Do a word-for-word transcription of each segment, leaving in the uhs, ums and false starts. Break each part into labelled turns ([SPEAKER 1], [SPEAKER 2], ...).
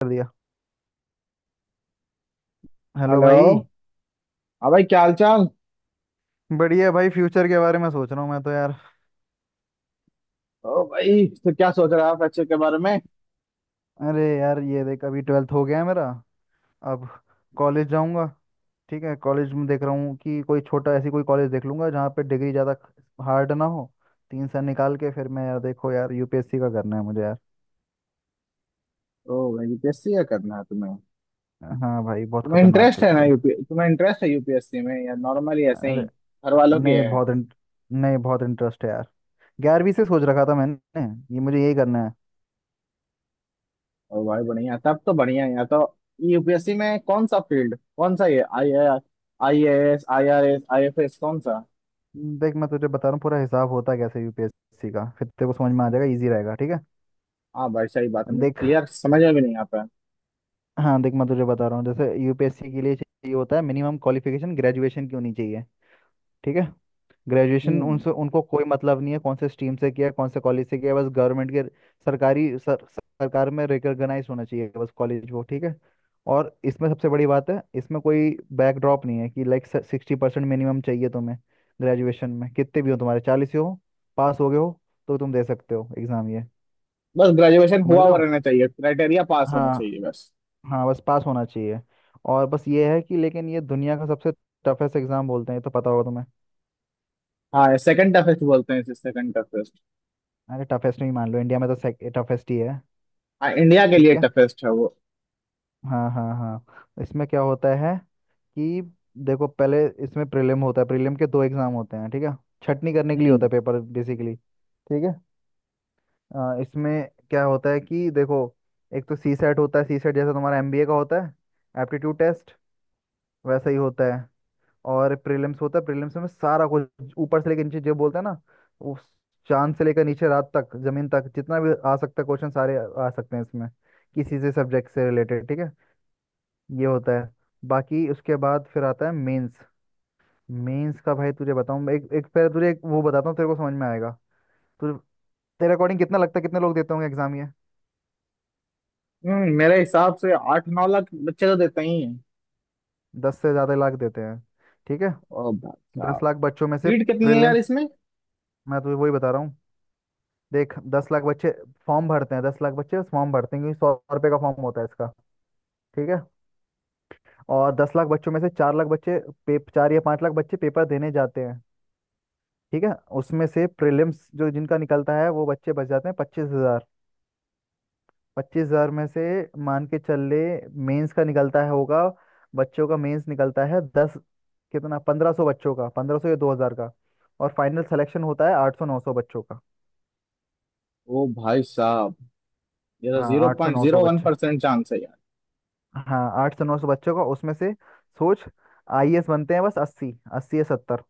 [SPEAKER 1] कर दिया। Hello
[SPEAKER 2] hello.
[SPEAKER 1] भाई।
[SPEAKER 2] हाँ भाई क्या हाल चाल।
[SPEAKER 1] बढ़िया भाई, फ्यूचर के बारे में सोच रहा हूँ मैं तो यार।
[SPEAKER 2] ओ भाई तो क्या सोच रहे हो आप बच्चे के बारे में।
[SPEAKER 1] अरे यार, ये देख अभी ट्वेल्थ हो गया है मेरा। अब कॉलेज जाऊंगा। ठीक है, कॉलेज में देख रहा हूँ कि कोई छोटा ऐसी कोई कॉलेज देख लूंगा जहाँ पे डिग्री ज़्यादा हार्ड ना हो। तीन साल निकाल के फिर मैं यार, देखो यार, यूपीएससी का करना है मुझे यार।
[SPEAKER 2] ओ भाई यूपीएससी या करना है तुम्हें।
[SPEAKER 1] हाँ भाई, बहुत
[SPEAKER 2] तुम्हें
[SPEAKER 1] खतरनाक
[SPEAKER 2] इंटरेस्ट
[SPEAKER 1] है
[SPEAKER 2] है ना
[SPEAKER 1] लेकिन।
[SPEAKER 2] यूपी तुम्हें इंटरेस्ट है यूपीएससी में या नॉर्मली ऐसे ही
[SPEAKER 1] अरे,
[SPEAKER 2] घर वालों की
[SPEAKER 1] नहीं
[SPEAKER 2] है।
[SPEAKER 1] बहुत इंट- नहीं बहुत इंटरेस्ट है यार। ग्यारहवीं से सोच रखा था मैंने, ये मुझे यही करना है।
[SPEAKER 2] ओ भाई बढ़िया तब तो बढ़िया है यार। तो यूपीएससी में कौन सा फील्ड कौन सा ये I I S I R S I F S कौन सा।
[SPEAKER 1] देख मैं तुझे बता रहा हूँ पूरा हिसाब होता कैसे यूपीएससी का, फिर तेरे को समझ में आ जाएगा, इजी रहेगा, ठीक है।
[SPEAKER 2] हाँ भाई सही बात है मुझे
[SPEAKER 1] देख।
[SPEAKER 2] क्लियर समझ में भी नहीं आता है।
[SPEAKER 1] हाँ देख मैं तुझे बता रहा हूँ जैसे यूपीएससी के लिए चाहिए होता है मिनिमम क्वालिफिकेशन, ग्रेजुएशन की होनी चाहिए। ठीक है। ग्रेजुएशन
[SPEAKER 2] हम्म।
[SPEAKER 1] उनसे उनको कोई मतलब नहीं है कौन से स्ट्रीम से किया है, कौन से कॉलेज से किया है, बस गवर्नमेंट के सरकारी सर, सरकार में रिकॉग्नाइज होना चाहिए, बस कॉलेज वो ठीक है। और इसमें सबसे बड़ी बात है, इसमें कोई बैकड्रॉप नहीं है कि लाइक सिक्सटी परसेंट मिनिमम चाहिए तुम्हें ग्रेजुएशन में। कितने भी हो तुम्हारे, चालीस हो, पास हो गए हो तो तुम दे सकते हो एग्ज़ाम ये।
[SPEAKER 2] बस ग्रेजुएशन
[SPEAKER 1] समझ
[SPEAKER 2] हुआ
[SPEAKER 1] रहे
[SPEAKER 2] हुआ
[SPEAKER 1] हो?
[SPEAKER 2] रहना चाहिए क्राइटेरिया पास होना
[SPEAKER 1] हाँ।
[SPEAKER 2] चाहिए बस।
[SPEAKER 1] हाँ बस पास होना चाहिए। और बस ये है कि लेकिन ये दुनिया का सबसे टफेस्ट एग्ज़ाम बोलते हैं, ये तो पता होगा तुम्हें।
[SPEAKER 2] हाँ सेकंड टफेस्ट बोलते हैं इसे सेकंड।
[SPEAKER 1] अरे टफेस्ट नहीं, मान लो इंडिया में तो टफेस्ट ही है।
[SPEAKER 2] आ, इंडिया के
[SPEAKER 1] ठीक
[SPEAKER 2] लिए
[SPEAKER 1] है।
[SPEAKER 2] टफेस्ट है वो।
[SPEAKER 1] हाँ, हाँ, हाँ। इसमें क्या होता है कि देखो, पहले इसमें प्रीलिम होता है, प्रीलिम के दो एग्जाम होते हैं, ठीक है। छटनी करने के लिए होता
[SPEAKER 2] हम्म।
[SPEAKER 1] है पेपर बेसिकली, ठीक है। आ, इसमें क्या होता है कि देखो, एक तो सी सेट होता है, सी सेट जैसा तुम्हारा एमबीए का होता है एप्टीट्यूड टेस्ट वैसा ही होता है। और प्रीलिम्स होता है। प्रीलिम्स में सारा कुछ ऊपर से लेकर नीचे जो बोलते हैं ना, उस चांद से लेकर नीचे रात तक जमीन तक जितना भी आ सकता है क्वेश्चन सारे आ सकते हैं इसमें। किसी से सब्जेक्ट से रिलेटेड, ठीक है, ये होता है। बाकी उसके बाद फिर आता है मेंस। मेंस का भाई तुझे बताऊं, एक एक पहले तुझे एक वो बताता हूँ तेरे को समझ में आएगा तुझे। तेरे अकॉर्डिंग कितना लगता है कितने लोग देते होंगे एग्जाम ये?
[SPEAKER 2] हम्म, मेरे हिसाब से आठ नौ लाख बच्चे तो देते ही हैं।
[SPEAKER 1] दस से ज़्यादा लाख देते हैं, ठीक है।
[SPEAKER 2] ओ भाई
[SPEAKER 1] दस
[SPEAKER 2] साहब
[SPEAKER 1] लाख बच्चों में से
[SPEAKER 2] सीट कितनी है यार
[SPEAKER 1] प्रीलिम्स,
[SPEAKER 2] इसमें।
[SPEAKER 1] मैं तुझे वही बता रहा हूँ। देख दस लाख बच्चे फॉर्म भरते हैं, दस लाख बच्चे फॉर्म भरते हैं क्योंकि सौ रुपये का फॉर्म होता है इसका, ठीक है। और दस लाख बच्चों में से चार लाख बच्चे पे चार या पाँच लाख बच्चे पेपर देने जाते हैं, ठीक है। उसमें से प्रीलिम्स जो जिनका निकलता है वो बच्चे बच जाते हैं पच्चीस हजार। पच्चीस हजार में से, मान के चल ले, मेंस का निकलता है होगा बच्चों का, मेंस निकलता है दस, कितना, पंद्रह सौ बच्चों का, पंद्रह सौ या दो हजार का। और फाइनल सिलेक्शन होता है आठ सौ नौ सौ बच्चों का।
[SPEAKER 2] ओ भाई साहब ये तो
[SPEAKER 1] हाँ
[SPEAKER 2] जीरो
[SPEAKER 1] आठ सौ
[SPEAKER 2] पॉइंट
[SPEAKER 1] नौ
[SPEAKER 2] जीरो
[SPEAKER 1] सौ
[SPEAKER 2] वन
[SPEAKER 1] बच्चे।
[SPEAKER 2] परसेंट चांस है यार।
[SPEAKER 1] हाँ आठ सौ नौ सौ बच्चों का उसमें से, सोच, आईएएस बनते हैं बस अस्सी, अस्सी या सत्तर।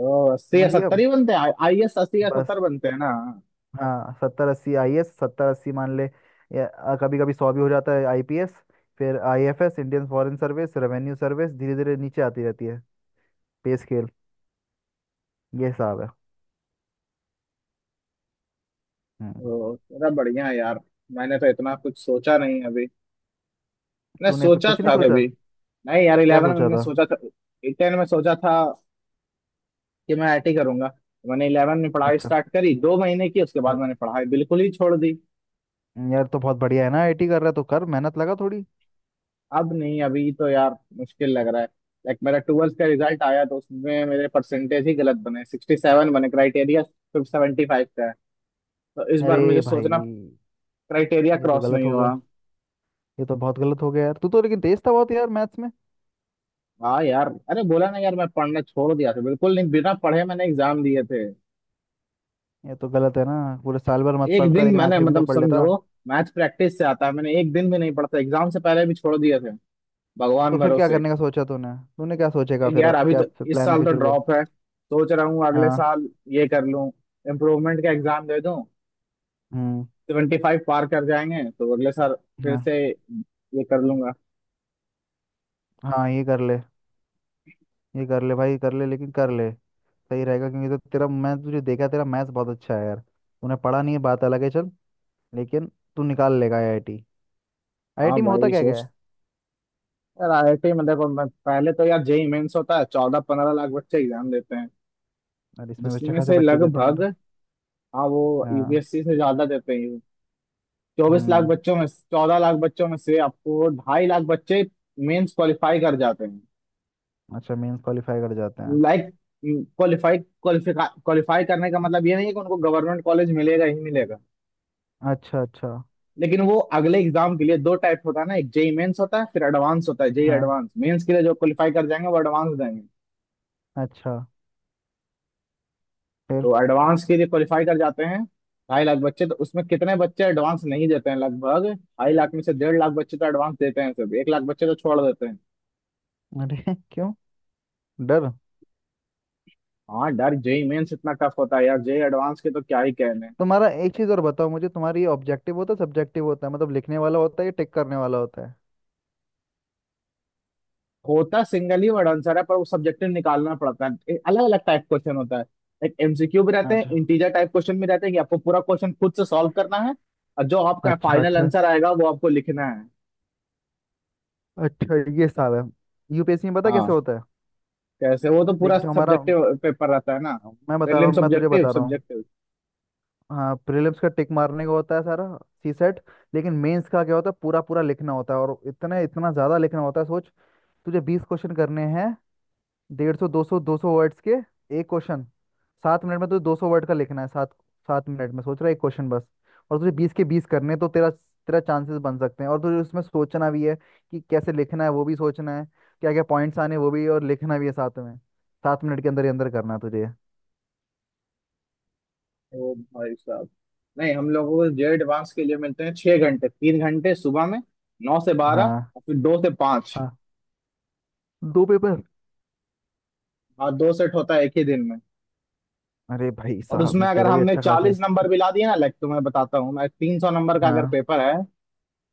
[SPEAKER 2] ओ अस्सी या
[SPEAKER 1] समझ गया
[SPEAKER 2] सत्तर ही बनते हैं आई एस अस्सी या
[SPEAKER 1] बस।
[SPEAKER 2] सत्तर बनते हैं ना।
[SPEAKER 1] हाँ सत्तर अस्सी आईएएस, सत्तर अस्सी मान ले। या कभी कभी सौ भी हो जाता है। आईपीएस, फिर IFS Indian foreign service, revenue service, धीरे धीरे नीचे आती रहती है पे स्केल। ये हिसाब है। हम्म।
[SPEAKER 2] ओ तेरा बढ़िया है यार। मैंने तो इतना कुछ सोचा नहीं अभी। मैंने
[SPEAKER 1] तूने फिर
[SPEAKER 2] सोचा
[SPEAKER 1] कुछ नहीं
[SPEAKER 2] था
[SPEAKER 1] सोचा?
[SPEAKER 2] कभी। नहीं यार
[SPEAKER 1] क्या
[SPEAKER 2] इलेवन में
[SPEAKER 1] सोचा
[SPEAKER 2] मैंने
[SPEAKER 1] था?
[SPEAKER 2] सोचा था। टेन में सोचा था कि मैं आईटी करूंगा। मैंने इलेवन में पढ़ाई
[SPEAKER 1] अच्छा।
[SPEAKER 2] स्टार्ट करी दो महीने की उसके बाद
[SPEAKER 1] अरे,
[SPEAKER 2] मैंने पढ़ाई बिल्कुल ही छोड़ दी।
[SPEAKER 1] यार तो बहुत बढ़िया है ना, आईटी कर रहा है तो कर, मेहनत लगा थोड़ी।
[SPEAKER 2] अब नहीं अभी तो यार मुश्किल लग रहा है। लाइक मेरा ट्वेल्थ का रिजल्ट आया तो उसमें मेरे परसेंटेज ही गलत बने सिक्सटी सेवन बने क्राइटेरिया सिर्फ सेवेंटी फाइव का है। तो इस बार
[SPEAKER 1] अरे
[SPEAKER 2] मुझे सोचना
[SPEAKER 1] भाई,
[SPEAKER 2] क्राइटेरिया
[SPEAKER 1] ये तो
[SPEAKER 2] क्रॉस
[SPEAKER 1] गलत
[SPEAKER 2] नहीं
[SPEAKER 1] हो
[SPEAKER 2] हुआ।
[SPEAKER 1] गया। ये तो बहुत गलत हो गया यार, तू तो लेकिन तेज था बहुत यार मैथ्स में।
[SPEAKER 2] हाँ यार अरे बोला ना यार मैं पढ़ना छोड़ दिया था बिल्कुल नहीं बिना पढ़े मैंने एग्जाम दिए थे।
[SPEAKER 1] ये तो गलत है ना, पूरे साल भर मत
[SPEAKER 2] एक
[SPEAKER 1] पढ़ता
[SPEAKER 2] दिन
[SPEAKER 1] लेकिन
[SPEAKER 2] मैंने
[SPEAKER 1] आखिरी में तो
[SPEAKER 2] मतलब
[SPEAKER 1] पढ़ लेता।
[SPEAKER 2] समझो। मैथ्स प्रैक्टिस से आता है मैंने एक दिन भी नहीं पढ़ा था एग्जाम से पहले भी छोड़ दिए थे
[SPEAKER 1] तो
[SPEAKER 2] भगवान
[SPEAKER 1] फिर क्या
[SPEAKER 2] भरोसे।
[SPEAKER 1] करने का सोचा तूने तूने क्या सोचेगा
[SPEAKER 2] एक
[SPEAKER 1] फिर,
[SPEAKER 2] यार
[SPEAKER 1] अब
[SPEAKER 2] अभी
[SPEAKER 1] क्या
[SPEAKER 2] तो इस
[SPEAKER 1] प्लान है
[SPEAKER 2] साल तो
[SPEAKER 1] फ्यूचर गोल?
[SPEAKER 2] ड्रॉप है सोच रहा हूँ अगले
[SPEAKER 1] हाँ।
[SPEAKER 2] साल ये कर लूँ। इम्प्रूवमेंट का एग्जाम दे दूं।
[SPEAKER 1] हम्म।
[SPEAKER 2] सेवेंटी फाइव पार कर जाएंगे तो अगले साल फिर
[SPEAKER 1] हाँ।
[SPEAKER 2] से ये कर लूंगा।
[SPEAKER 1] हाँ ये कर ले, ये कर ले भाई, कर ले, लेकिन कर ले सही रहेगा क्योंकि तो तेरा, मैं तुझे देखा तेरा मैथ्स बहुत अच्छा है यार, तूने पढ़ा नहीं है बात अलग है, चल लेकिन तू निकाल लेगा आईआईटी।
[SPEAKER 2] हाँ
[SPEAKER 1] आईआईटी में होता
[SPEAKER 2] भाई
[SPEAKER 1] क्या क्या
[SPEAKER 2] सोच।
[SPEAKER 1] है?
[SPEAKER 2] यार आईआईटी में देखो मैं पहले तो यार जेई मेंस होता है चौदह पंद्रह लाख बच्चे एग्जाम देते हैं
[SPEAKER 1] और इसमें भी अच्छे
[SPEAKER 2] जिसमें
[SPEAKER 1] खासे
[SPEAKER 2] से
[SPEAKER 1] बच्चे देते हैं
[SPEAKER 2] लगभग।
[SPEAKER 1] यार।
[SPEAKER 2] हाँ वो
[SPEAKER 1] हाँ।
[SPEAKER 2] यूपीएससी से ज्यादा देते हैं। चौबीस लाख
[SPEAKER 1] हम्म।
[SPEAKER 2] बच्चों में चौदह लाख बच्चों में से आपको ढाई लाख बच्चे मेंस क्वालिफाई कर जाते हैं।
[SPEAKER 1] अच्छा मेंस क्वालिफाई कर जाते हैं।
[SPEAKER 2] लाइक क्वालिफाई क्वालिफाई क्वालिफाई करने का मतलब ये नहीं है कि उनको गवर्नमेंट कॉलेज मिलेगा ही मिलेगा।
[SPEAKER 1] अच्छा, अच्छा।
[SPEAKER 2] लेकिन वो अगले एग्जाम के लिए दो टाइप होता है ना एक जेई मेंस होता है फिर एडवांस होता है जेई
[SPEAKER 1] हाँ।
[SPEAKER 2] एडवांस मेंस के लिए जो क्वालिफाई कर जाएंगे वो एडवांस देंगे।
[SPEAKER 1] अच्छा। फिर?
[SPEAKER 2] तो एडवांस के लिए क्वालिफाई कर जाते हैं ढाई लाख बच्चे तो उसमें कितने बच्चे एडवांस नहीं देते हैं लगभग ढाई लाख में से डेढ़ लाख बच्चे तो एडवांस देते हैं सिर्फ एक लाख बच्चे तो छोड़ देते हैं।
[SPEAKER 1] अरे क्यों? डर?
[SPEAKER 2] हाँ डर जेई मेंस इतना टफ होता है यार जेई एडवांस के तो क्या ही कहने।
[SPEAKER 1] तुम्हारा एक चीज़ और बताओ मुझे, तुम्हारी ये ऑब्जेक्टिव होता है, सब्जेक्टिव होता है, मतलब लिखने वाला होता है या टिक करने वाला होता है?
[SPEAKER 2] होता सिंगल ही वर्ड आंसर है पर वो सब्जेक्टिव निकालना पड़ता है अलग अलग टाइप क्वेश्चन होता है। एक एमसीक्यू भी रहते हैं
[SPEAKER 1] अच्छा,
[SPEAKER 2] इंटीजर टाइप क्वेश्चन भी रहते हैं कि आपको पूरा क्वेश्चन खुद से सॉल्व करना है। और जो आपका
[SPEAKER 1] अच्छा।
[SPEAKER 2] फाइनल
[SPEAKER 1] अच्छा,
[SPEAKER 2] आंसर आएगा वो आपको लिखना है।
[SPEAKER 1] अच्छा। ये साल है, यूपीएससी में पता
[SPEAKER 2] हाँ
[SPEAKER 1] कैसे होता है?
[SPEAKER 2] कैसे वो तो
[SPEAKER 1] देख
[SPEAKER 2] पूरा
[SPEAKER 1] जो हमारा,
[SPEAKER 2] सब्जेक्टिव पेपर रहता है ना।
[SPEAKER 1] मैं बता रहा
[SPEAKER 2] प्रीलिम
[SPEAKER 1] हूँ मैं तुझे
[SPEAKER 2] सब्जेक्टिव
[SPEAKER 1] बता रहा हूँ।
[SPEAKER 2] सब्जेक्टिव
[SPEAKER 1] हाँ, प्रीलिम्स का टिक मारने का होता है सारा, सी सेट। लेकिन मेंस का क्या होता है, पूरा पूरा लिखना होता है, और इतना इतना ज़्यादा लिखना होता है, सोच। तुझे बीस क्वेश्चन करने हैं, डेढ़ सौ दो सौ दो सौ वर्ड्स के एक क्वेश्चन, सात मिनट में तुझे दो सौ वर्ड का लिखना है सात सात मिनट में सोच रहा है एक क्वेश्चन बस। और तुझे बीस के बीस करने हैं, तो तेरा तेरा चांसेस बन सकते हैं, और तुझे उसमें सोचना भी है कि कैसे लिखना है वो भी सोचना है, क्या क्या पॉइंट्स आने हैं, वो भी, और लिखना भी है साथ में, सात मिनट के अंदर ही अंदर करना है तुझे।
[SPEAKER 2] ओ भाई साहब। नहीं हम लोगों को जे एडवांस के लिए मिलते हैं छह घंटे तीन घंटे सुबह में नौ से बारह।
[SPEAKER 1] हाँ,
[SPEAKER 2] और फिर दो से पाँच।
[SPEAKER 1] हाँ, दो पेपर।
[SPEAKER 2] हाँ दो सेट होता है एक ही दिन में।
[SPEAKER 1] अरे भाई
[SPEAKER 2] और
[SPEAKER 1] साहब,
[SPEAKER 2] उसमें
[SPEAKER 1] ये
[SPEAKER 2] अगर
[SPEAKER 1] तेरा भी
[SPEAKER 2] हमने
[SPEAKER 1] अच्छा खास है।
[SPEAKER 2] चालीस नंबर भी ला दिए ना लाइक तो मैं बताता हूँ मैं तीन सौ नंबर का अगर
[SPEAKER 1] हाँ,
[SPEAKER 2] पेपर है।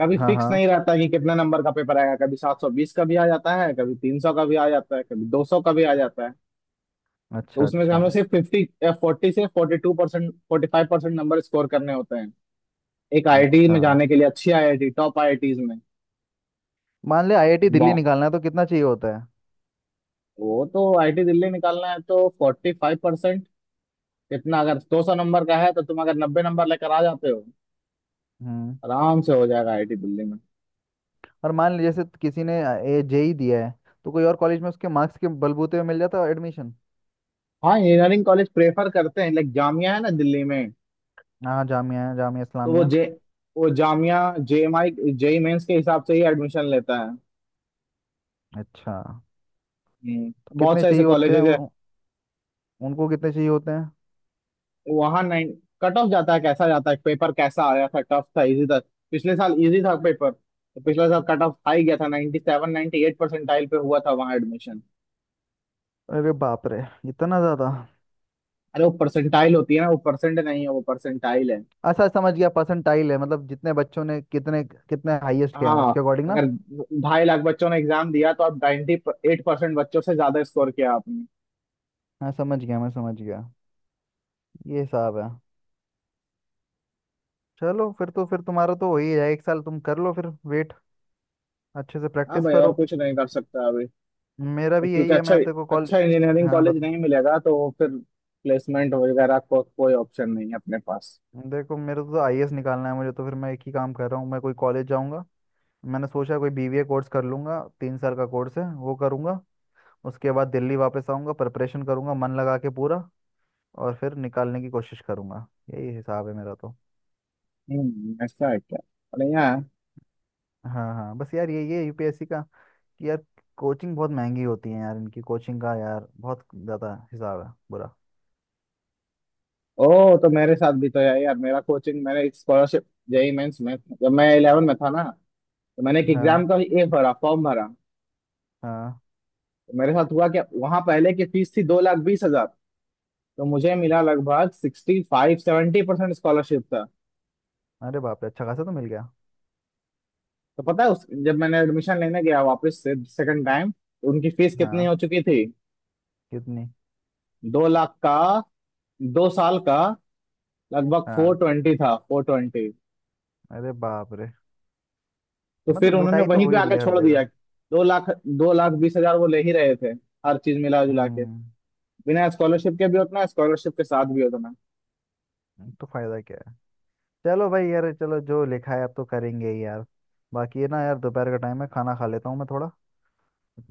[SPEAKER 2] कभी
[SPEAKER 1] हाँ,
[SPEAKER 2] फिक्स नहीं
[SPEAKER 1] हाँ।
[SPEAKER 2] रहता कि कितने नंबर का पेपर आएगा कभी सात सौ बीस का भी आ जाता है कभी तीन सौ का भी आ जाता है कभी दो सौ का भी आ जाता है। तो
[SPEAKER 1] अच्छा,
[SPEAKER 2] उसमें से
[SPEAKER 1] अच्छा।
[SPEAKER 2] हमें सिर्फ फिफ्टी फोर्टी से forty two percent forty five percent number score करने होते हैं एक आईआईटी
[SPEAKER 1] अच्छा
[SPEAKER 2] में जाने के लिए अच्छी आईआईटी टॉप आईआईटीज में।
[SPEAKER 1] मान ले आईआईटी
[SPEAKER 2] एक
[SPEAKER 1] दिल्ली
[SPEAKER 2] बॉ
[SPEAKER 1] निकालना है तो कितना चाहिए होता है?
[SPEAKER 2] वो तो आईआईटी दिल्ली निकालना है तो फोर्टी फाइव परसेंट इतना अगर दो सौ नंबर का है तो तुम अगर नब्बे नंबर लेकर आ जाते हो
[SPEAKER 1] हम्म।
[SPEAKER 2] आराम से हो जाएगा आईआईटी दिल्ली में।
[SPEAKER 1] और मान ले जैसे किसी ने जेई दिया है, तो कोई और कॉलेज में उसके मार्क्स के बलबूते पे मिल जाता है एडमिशन?
[SPEAKER 2] हाँ इंजीनियरिंग कॉलेज प्रेफर करते हैं लाइक जामिया है ना दिल्ली में।
[SPEAKER 1] हाँ जामिया, जामिया
[SPEAKER 2] तो वो
[SPEAKER 1] इस्लामिया।
[SPEAKER 2] जे वो जामिया जेएमआई जेई मेंस के हिसाब से ही एडमिशन लेता है।
[SPEAKER 1] अच्छा तो
[SPEAKER 2] हम्म, बहुत
[SPEAKER 1] कितने
[SPEAKER 2] सारे ऐसे
[SPEAKER 1] चाहिए होते हैं
[SPEAKER 2] कॉलेजेस है।
[SPEAKER 1] उन- उनको कितने चाहिए होते हैं?
[SPEAKER 2] वहाँ नाइन कट ऑफ जाता है कैसा जाता है पेपर कैसा आया था टफ था इजी था। पिछले साल इजी था पेपर तो पिछले साल कट ऑफ हाई गया था ninety seven ninety eight percentile पे हुआ था वहाँ एडमिशन।
[SPEAKER 1] अरे बाप रे, इतना ज्यादा।
[SPEAKER 2] अरे वो परसेंटाइल होती है ना वो परसेंट नहीं है वो परसेंटाइल है।
[SPEAKER 1] अच्छा समझ गया, परसेंटाइल है मतलब जितने बच्चों ने कितने कितने हाईएस्ट गए हैं उसके
[SPEAKER 2] हाँ
[SPEAKER 1] अकॉर्डिंग ना।
[SPEAKER 2] अगर ढाई लाख बच्चों ने एग्जाम दिया तो आप 98 एट परसेंट बच्चों से ज्यादा स्कोर किया आपने।
[SPEAKER 1] हाँ समझ गया, मैं समझ गया। ये हिसाब है। चलो फिर तो, फिर तुम्हारा तो हो ही है, एक साल तुम कर लो फिर वेट, अच्छे से
[SPEAKER 2] हाँ
[SPEAKER 1] प्रैक्टिस
[SPEAKER 2] भाई और
[SPEAKER 1] करो।
[SPEAKER 2] कुछ नहीं कर सकता अभी।
[SPEAKER 1] मेरा भी
[SPEAKER 2] क्योंकि
[SPEAKER 1] यही है,
[SPEAKER 2] अच्छा
[SPEAKER 1] मैं तेरे को कॉल।
[SPEAKER 2] अच्छा इंजीनियरिंग
[SPEAKER 1] हाँ
[SPEAKER 2] कॉलेज
[SPEAKER 1] बत
[SPEAKER 2] नहीं मिलेगा तो फिर प्लेसमेंट वगैरह को कोई ऑप्शन नहीं है अपने पास।
[SPEAKER 1] देखो मेरे को तो आईएएस निकालना है, मुझे तो फिर मैं एक ही काम कर रहा हूँ, मैं कोई कॉलेज जाऊँगा। मैंने सोचा कोई बीबीए कोर्स कर लूँगा, तीन साल का कोर्स है वो करूँगा। उसके बाद दिल्ली वापस आऊँगा प्रिपरेशन करूँगा मन लगा के पूरा, और फिर निकालने की कोशिश करूँगा। यही हिसाब है मेरा तो।
[SPEAKER 2] हम्म ऐसा है क्या। बढ़िया है।
[SPEAKER 1] हाँ, हाँ बस यार यही है यूपीएससी का, कि यार कोचिंग बहुत महंगी होती है यार, इनकी कोचिंग का यार बहुत ज़्यादा हिसाब है बुरा।
[SPEAKER 2] ओ तो मेरे साथ भी तो यार यार मेरा कोचिंग मैंने एक स्कॉलरशिप। जेई मेंस में जब मैं इलेवन में था ना तो मैंने एक एग्जाम
[SPEAKER 1] हाँ,
[SPEAKER 2] का ये भरा फॉर्म भरा।
[SPEAKER 1] हाँ।
[SPEAKER 2] तो मेरे साथ हुआ क्या वहां पहले की फीस थी दो लाख बीस हजार। तो मुझे मिला लगभग sixty five seventy percent scholarship था।
[SPEAKER 1] अरे बाप रे, अच्छा खासा तो मिल गया।
[SPEAKER 2] तो पता है उस जब मैंने एडमिशन लेने गया वापस से सेकंड टाइम उनकी फीस कितनी हो
[SPEAKER 1] हाँ।
[SPEAKER 2] चुकी थी।
[SPEAKER 1] कितनी?
[SPEAKER 2] दो लाख का दो साल का लगभग
[SPEAKER 1] हाँ।
[SPEAKER 2] फोर ट्वेंटी था फोर ट्वेंटी।
[SPEAKER 1] अरे बाप रे,
[SPEAKER 2] तो फिर
[SPEAKER 1] मतलब
[SPEAKER 2] उन्होंने
[SPEAKER 1] लुटाई तो
[SPEAKER 2] वहीं
[SPEAKER 1] हो
[SPEAKER 2] पे
[SPEAKER 1] ही रही
[SPEAKER 2] आके
[SPEAKER 1] है हर
[SPEAKER 2] छोड़ दिया।
[SPEAKER 1] जगह।
[SPEAKER 2] दो लाख दो लाख बीस हजार वो ले ही रहे थे हर चीज मिला जुला के।
[SPEAKER 1] हम्म,
[SPEAKER 2] बिना स्कॉलरशिप के भी उतना स्कॉलरशिप के साथ भी उतना।
[SPEAKER 1] तो फायदा क्या है। चलो भाई यार, चलो जो लिखा है अब तो करेंगे ही यार। बाकी ये ना यार, दोपहर का टाइम है, खाना खा लेता हूँ मैं थोड़ा।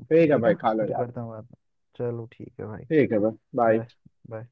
[SPEAKER 2] ठीक है
[SPEAKER 1] ठीक
[SPEAKER 2] भाई
[SPEAKER 1] है,
[SPEAKER 2] खा लो
[SPEAKER 1] फिर
[SPEAKER 2] यार।
[SPEAKER 1] करता हूँ बात। चलो ठीक है भाई।
[SPEAKER 2] ठीक है भाई बाय।
[SPEAKER 1] बाय। बाय।